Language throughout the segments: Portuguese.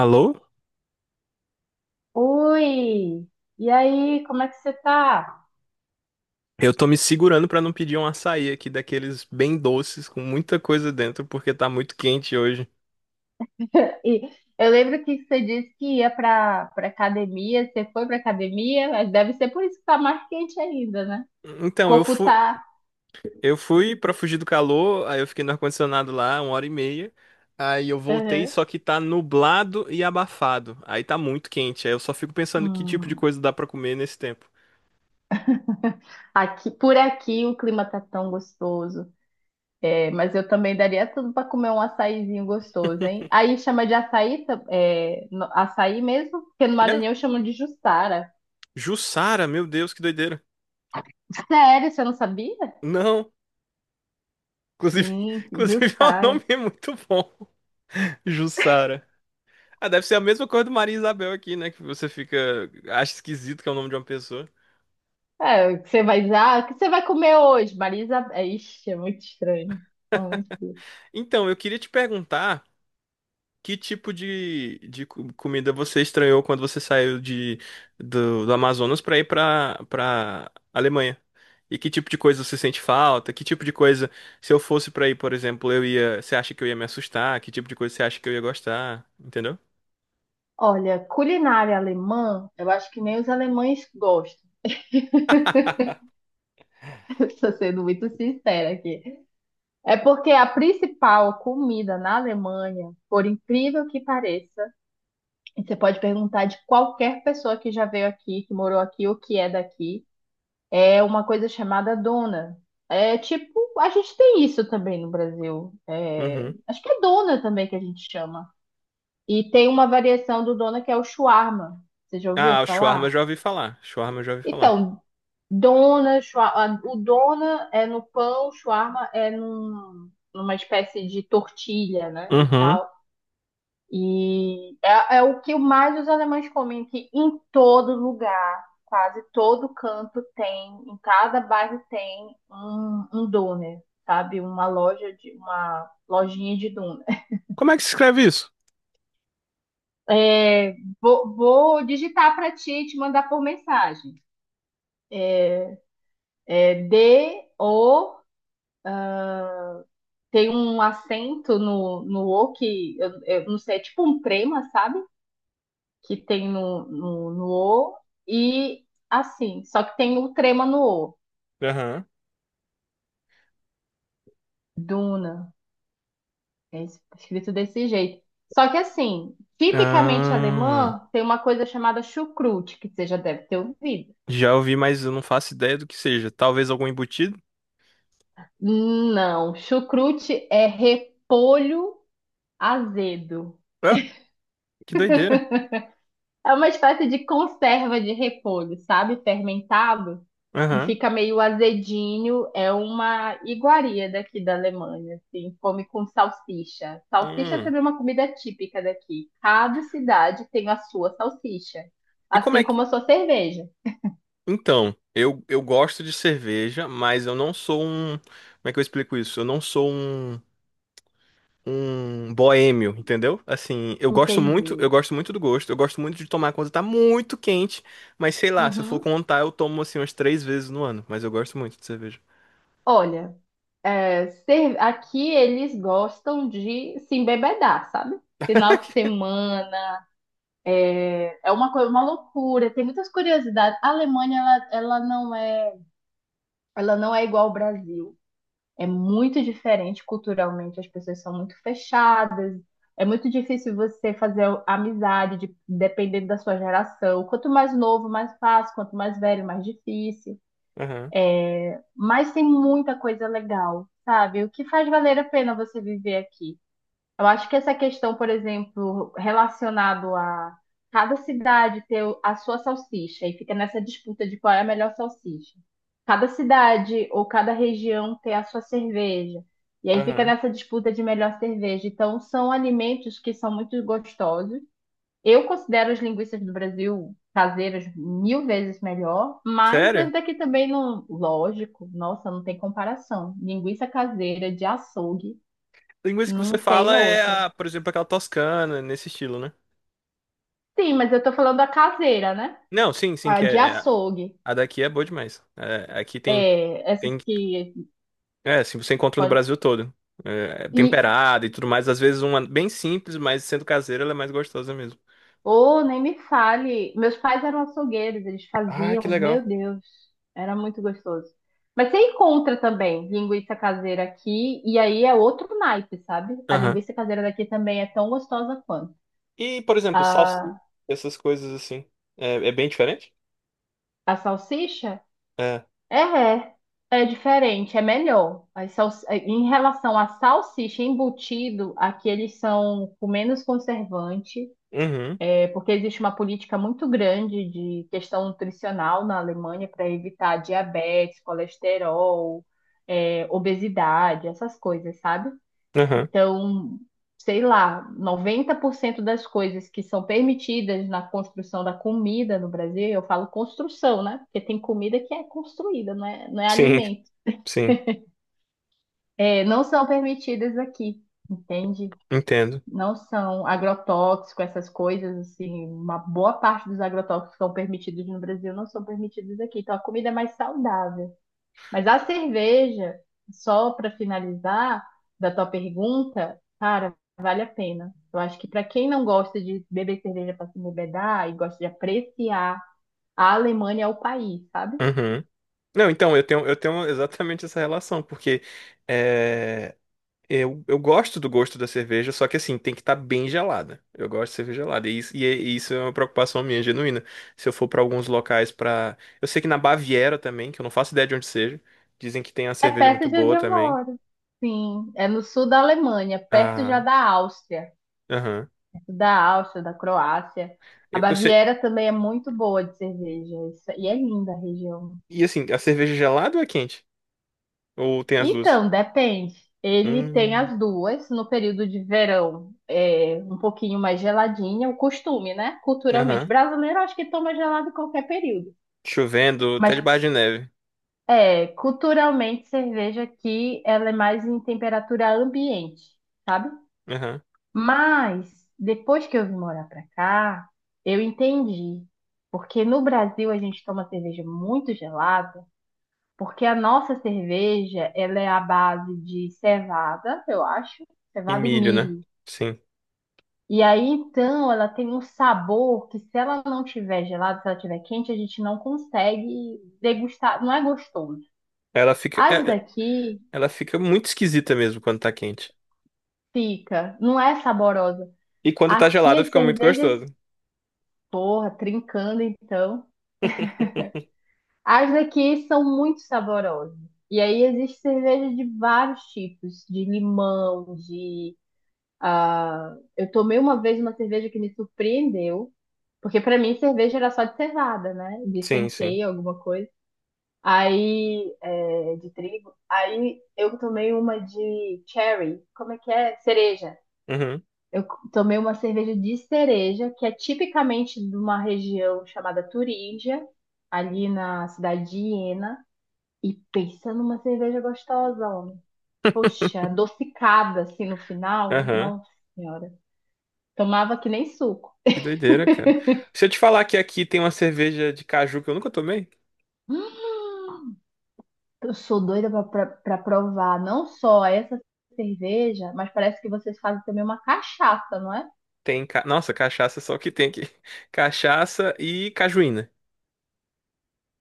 Alô? Oi! E aí, como é que você tá? Eu tô me segurando pra não pedir um açaí aqui daqueles bem doces com muita coisa dentro porque tá muito quente hoje. E eu lembro que você disse que ia pra academia, você foi pra academia, mas deve ser por isso que tá mais quente ainda, né? O Então, eu corpo fui, tá. eu fui para fugir do calor, aí eu fiquei no ar-condicionado lá 1 hora e meia. Aí eu voltei, Uhum. só que tá nublado e abafado. Aí tá muito quente. Aí eu só fico pensando que tipo de Hum. coisa dá pra comer nesse tempo. Aqui, por aqui o clima tá tão gostoso. É, mas eu também daria tudo pra comer um açaizinho gostoso, hein? Aí chama de açaí, açaí mesmo, porque no É, Maranhão chamam de jussara. Jussara, meu Deus, que doideira. Sério, você não sabia? Não, inclusive, Sim, inclusive é um jussara. nome muito bom. Jussara. Ah, deve ser a mesma coisa do Maria Isabel aqui, né? Que você fica. Acha esquisito que é o nome de uma pessoa. É, o que você vai dizer, ah, o que você vai comer hoje, Marisa? É, Ixi, é muito estranho. É muito duro. Então, eu queria te perguntar que tipo de comida você estranhou quando você saiu do Amazonas pra ir pra Alemanha? E que tipo de coisa você sente falta? Que tipo de coisa, se eu fosse pra ir, por exemplo, eu ia. Você acha que eu ia me assustar? Que tipo de coisa você acha que eu ia gostar? Entendeu? Olha, culinária alemã, eu acho que nem os alemães gostam. Estou sendo muito sincera aqui. É porque a principal comida na Alemanha, por incrível que pareça, e você pode perguntar de qualquer pessoa que já veio aqui, que morou aqui ou que é daqui, é uma coisa chamada dona. É tipo, a gente tem isso também no Brasil. É, Uhum. acho que é dona também que a gente chama. E tem uma variação do dona que é o shawarma. Você já ouviu Ah, o shawarma eu falar? já ouvi falar. Shawarma eu já ouvi falar. Então, dona, o dona é no pão, o shawarma é numa espécie de tortilha, né? E Uhum. tal. E é o que mais os alemães comem, que em todo lugar, quase todo canto tem, em cada bairro tem um doner, sabe? Uma loja de uma lojinha de doner. Como é que se escreve isso? É, vou digitar para ti e te mandar por mensagem. É, é D, O, tem um acento no O que eu não sei, é tipo um trema, sabe? Que tem no O e assim, só que tem o trema no O. Aham. Duna, é escrito desse jeito. Só que assim, tipicamente Ah, alemã tem uma coisa chamada chucrute, que você já deve ter ouvido. já ouvi, mas eu não faço ideia do que seja. Talvez algum embutido? Não, chucrute é repolho azedo. Ah, que doideira. É uma espécie de conserva de repolho, sabe? Fermentado. E Aham. fica meio azedinho. É uma iguaria daqui da Alemanha, assim. Come com salsicha. Salsicha Hum. também é uma comida típica daqui. Cada cidade tem a sua salsicha. E como Assim é que. como a sua cerveja. Então, eu gosto de cerveja, mas eu não sou um. Como é que eu explico isso? Eu não sou um. Um boêmio, entendeu? Assim, eu gosto muito, eu Entendi. gosto muito do gosto, eu gosto muito de tomar quando tá muito quente, mas sei lá, se eu for Uhum. contar, eu tomo assim umas 3 vezes no ano, mas eu gosto muito de cerveja. Olha, aqui eles gostam de se embebedar, sabe? Final de semana. É uma coisa, uma loucura, tem muitas curiosidades. A Alemanha, ela não é igual ao Brasil. É muito diferente culturalmente, as pessoas são muito fechadas. É muito difícil você fazer amizade, dependendo da sua geração. Quanto mais novo, mais fácil, quanto mais velho, mais difícil. Aham, Mas tem muita coisa legal, sabe? O que faz valer a pena você viver aqui. Eu acho que essa questão, por exemplo, relacionado a cada cidade ter a sua salsicha e fica nessa disputa de qual é a melhor salsicha. Cada cidade ou cada região ter a sua cerveja. E aí fica aham. nessa disputa de melhor cerveja. Então, são alimentos que são muito gostosos. Eu considero as linguiças do Brasil caseiras mil vezes melhor, mas as Sério? daqui também não, lógico, nossa, não tem comparação. Linguiça caseira de açougue Linguiça que você não tem fala é, outra. a, por exemplo, aquela toscana, nesse estilo, né? Sim, mas eu tô falando a caseira, né? Não, sim, sim, A que de é, é- açougue. a daqui é boa demais. É, aqui tem, É, essas tem, que é, assim, você encontra no pode. Brasil todo. É, E, temperada e tudo mais. Às vezes uma bem simples, mas sendo caseira, ela é mais gostosa mesmo. oh, nem me fale. Meus pais eram açougueiros, eles Ah, que faziam, legal. meu Deus, era muito gostoso. Mas você encontra também linguiça caseira aqui, e aí é outro naipe, sabe? A Aham. linguiça caseira daqui também é tão gostosa quanto. E, por exemplo, salsicha, A, essas coisas assim, é, é bem diferente? a salsicha É. É, é É diferente, é melhor. Em relação à salsicha embutido, aqui eles são com menos conservante, Uhum. Porque existe uma política muito grande de questão nutricional na Alemanha para evitar diabetes, colesterol, obesidade, essas coisas, sabe? Aham. Então, sei lá, 90% das coisas que são permitidas na construção da comida no Brasil, eu falo construção, né? Porque tem comida que é construída, não é Sim, alimento. sim. É, não são permitidas aqui, entende? Entendo. Não são agrotóxico, essas coisas, assim, uma boa parte dos agrotóxicos que são permitidos no Brasil não são permitidos aqui. Então, a comida é mais saudável. Mas a cerveja, só para finalizar da tua pergunta, cara, vale a pena. Eu acho que para quem não gosta de beber cerveja para se embebedar e gosta de apreciar, a Alemanha é o país, sabe? Uhum. Não, então, eu tenho exatamente essa relação, porque é, Eu gosto do gosto da cerveja, só que assim, tem que estar bem gelada. Eu gosto de cerveja gelada. E isso, e é- e isso é uma preocupação minha, genuína. Se eu for para alguns locais para. Eu sei que na Baviera também, que eu não faço ideia de onde seja, dizem que tem uma É cerveja muito perto de onde boa eu também. moro. Sim, é no sul da Alemanha, perto já Ah, da Áustria, aham. perto da Áustria, da Croácia. A Eu sei. Baviera também é muito boa de cerveja, e é linda a região. E assim, a cerveja gelada ou é quente? Ou tem as duas? Então, depende. Ele tem Hum, as duas. No período de verão, é um pouquinho mais geladinha, o costume, né? Culturalmente, aham. brasileiro, acho que toma gelado em qualquer período. Chovendo, até Mas, debaixo de neve. Culturalmente, cerveja aqui, ela é mais em temperatura ambiente, sabe? Aham. Mas, depois que eu vim morar pra cá, eu entendi. Porque no Brasil a gente toma cerveja muito gelada. Porque a nossa cerveja, ela é à base de cevada, eu acho, E cevada e milho, né? milho. Sim. E aí, então, ela tem um sabor que se ela não tiver gelada, se ela tiver quente, a gente não consegue degustar, não é gostoso. Ela fica, As é- é- daqui ela fica muito esquisita mesmo quando tá quente. fica, não é saborosa. E quando tá Aqui gelada as fica muito cervejas, gostoso. porra, trincando então. As daqui são muito saborosas. E aí existe cerveja de vários tipos, de limão, de. Ah, eu tomei uma vez uma cerveja que me surpreendeu, porque pra mim cerveja era só de cevada, né? De Sim, sim. centeio, alguma coisa. Aí, de trigo. Aí eu tomei uma de cherry. Como é que é? Cereja. Uhum, Eu tomei uma cerveja de cereja, que é tipicamente de uma região chamada Turíngia, ali na cidade de Iena. E pensa numa cerveja gostosa, homem. Poxa, adocicada assim no final. aham. Nossa senhora. Tomava que nem suco. Que doideira, cara. Se eu te falar que aqui tem uma cerveja de caju que eu nunca tomei, Hum, eu sou doida pra provar não só essa cerveja, mas parece que vocês fazem também uma cachaça, não é? tem. Ca- Nossa, cachaça só que tem aqui. Cachaça e cajuína.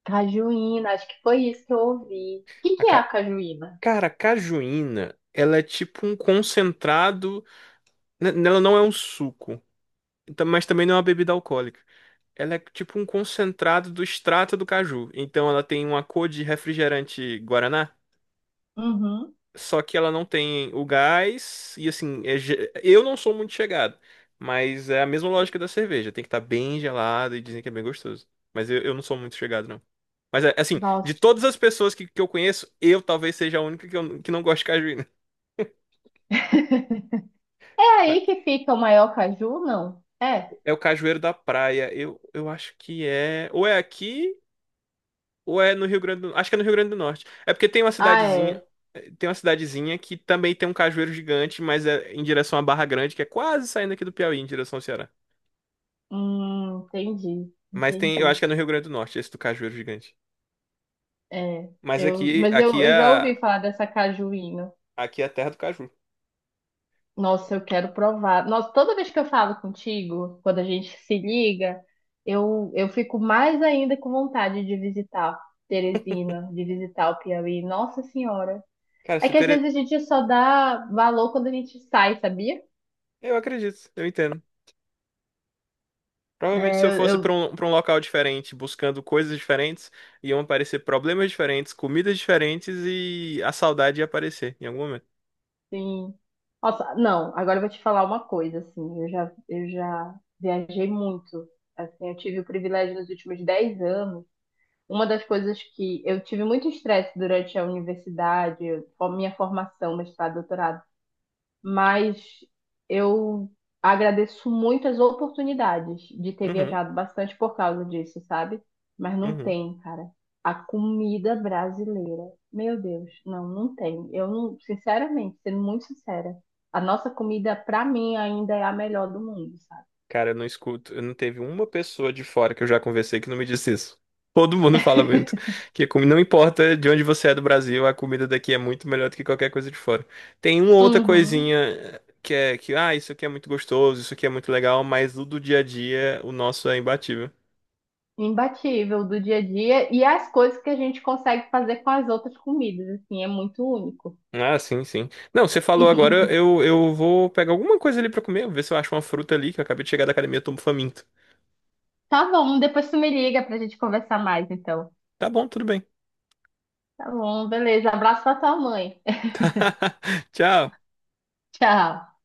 Cajuína, acho que foi isso que eu ouvi. O que A que é a ca- cajuína? Cara, a cajuína, ela é tipo um concentrado. N- Ela não é um suco, então- mas também não é uma bebida alcoólica. Ela é tipo um concentrado do extrato do caju. Então ela tem uma cor de refrigerante Guaraná. Uhum. Só que ela não tem o gás e assim, é ge- eu não sou muito chegado, mas é a mesma lógica da cerveja, tem que estar bem gelado e dizem que é bem gostoso. Mas eu não sou muito chegado, não. Mas é, assim, de Nossa. todas as pessoas que eu conheço, eu talvez seja a única que, que não gosta de cajuína. É Mas aí que fica o maior caju, não? É. é o cajueiro da praia. Eu acho que é. Ou é aqui, ou é no Rio Grande do... Acho que é no Rio Grande do Norte. É porque tem uma Ah, cidadezinha. é. Tem uma cidadezinha que também tem um cajueiro gigante, mas é em direção à Barra Grande, que é quase saindo aqui do Piauí, em direção ao Ceará. Entendi, Mas tem, eu acho entendi. que é no Rio Grande do Norte, esse do cajueiro gigante. É. Mas aqui, mas eu, aqui é, eu já ouvi falar dessa cajuína. aqui é a terra do caju. Nossa, eu quero provar. Nossa, toda vez que eu falo contigo, quando a gente se liga, eu fico mais ainda com vontade de visitar Teresina, de visitar o Piauí. Nossa Senhora. Cara, É se que às ter, vezes a gente só dá valor quando a gente sai, sabia? eu acredito, eu entendo. É, Provavelmente se eu eu, fosse pra eu um, para um local diferente, buscando coisas diferentes, iam aparecer problemas diferentes, comidas diferentes e a saudade ia aparecer em algum momento. sim. Nossa, não, agora eu vou te falar uma coisa, assim, eu já viajei muito. Assim, eu tive o privilégio nos últimos 10 anos. Uma das coisas que eu tive muito estresse durante a universidade, a minha formação, mestrado, doutorado, mas eu agradeço muito as oportunidades de ter Uhum, viajado bastante por causa disso, sabe? Mas não uhum. tem, cara. A comida brasileira, meu Deus, não, não tem. Eu não, sinceramente, sendo muito sincera, a nossa comida, pra mim, ainda é a melhor do mundo, sabe? Cara, eu não escuto, eu não teve uma pessoa de fora que eu já conversei que não me disse isso. Todo mundo fala muito que como não importa de onde você é do Brasil, a comida daqui é muito melhor do que qualquer coisa de fora. Tem uma outra Uhum. coisinha que é que ah, isso aqui é muito gostoso, isso aqui é muito legal, mas do dia a dia o nosso é imbatível. Imbatível do dia a dia e as coisas que a gente consegue fazer com as outras comidas, assim, é muito único. Ah, sim, sim. Não, você falou agora, eu vou pegar alguma coisa ali pra comer, ver se eu acho uma fruta ali, que eu acabei de chegar da academia, eu tô faminto. Tá bom, depois tu me liga pra gente conversar mais, então. Tá bom, tudo bem. Tá bom, beleza. Abraço pra tua mãe. Tchau. Tchau.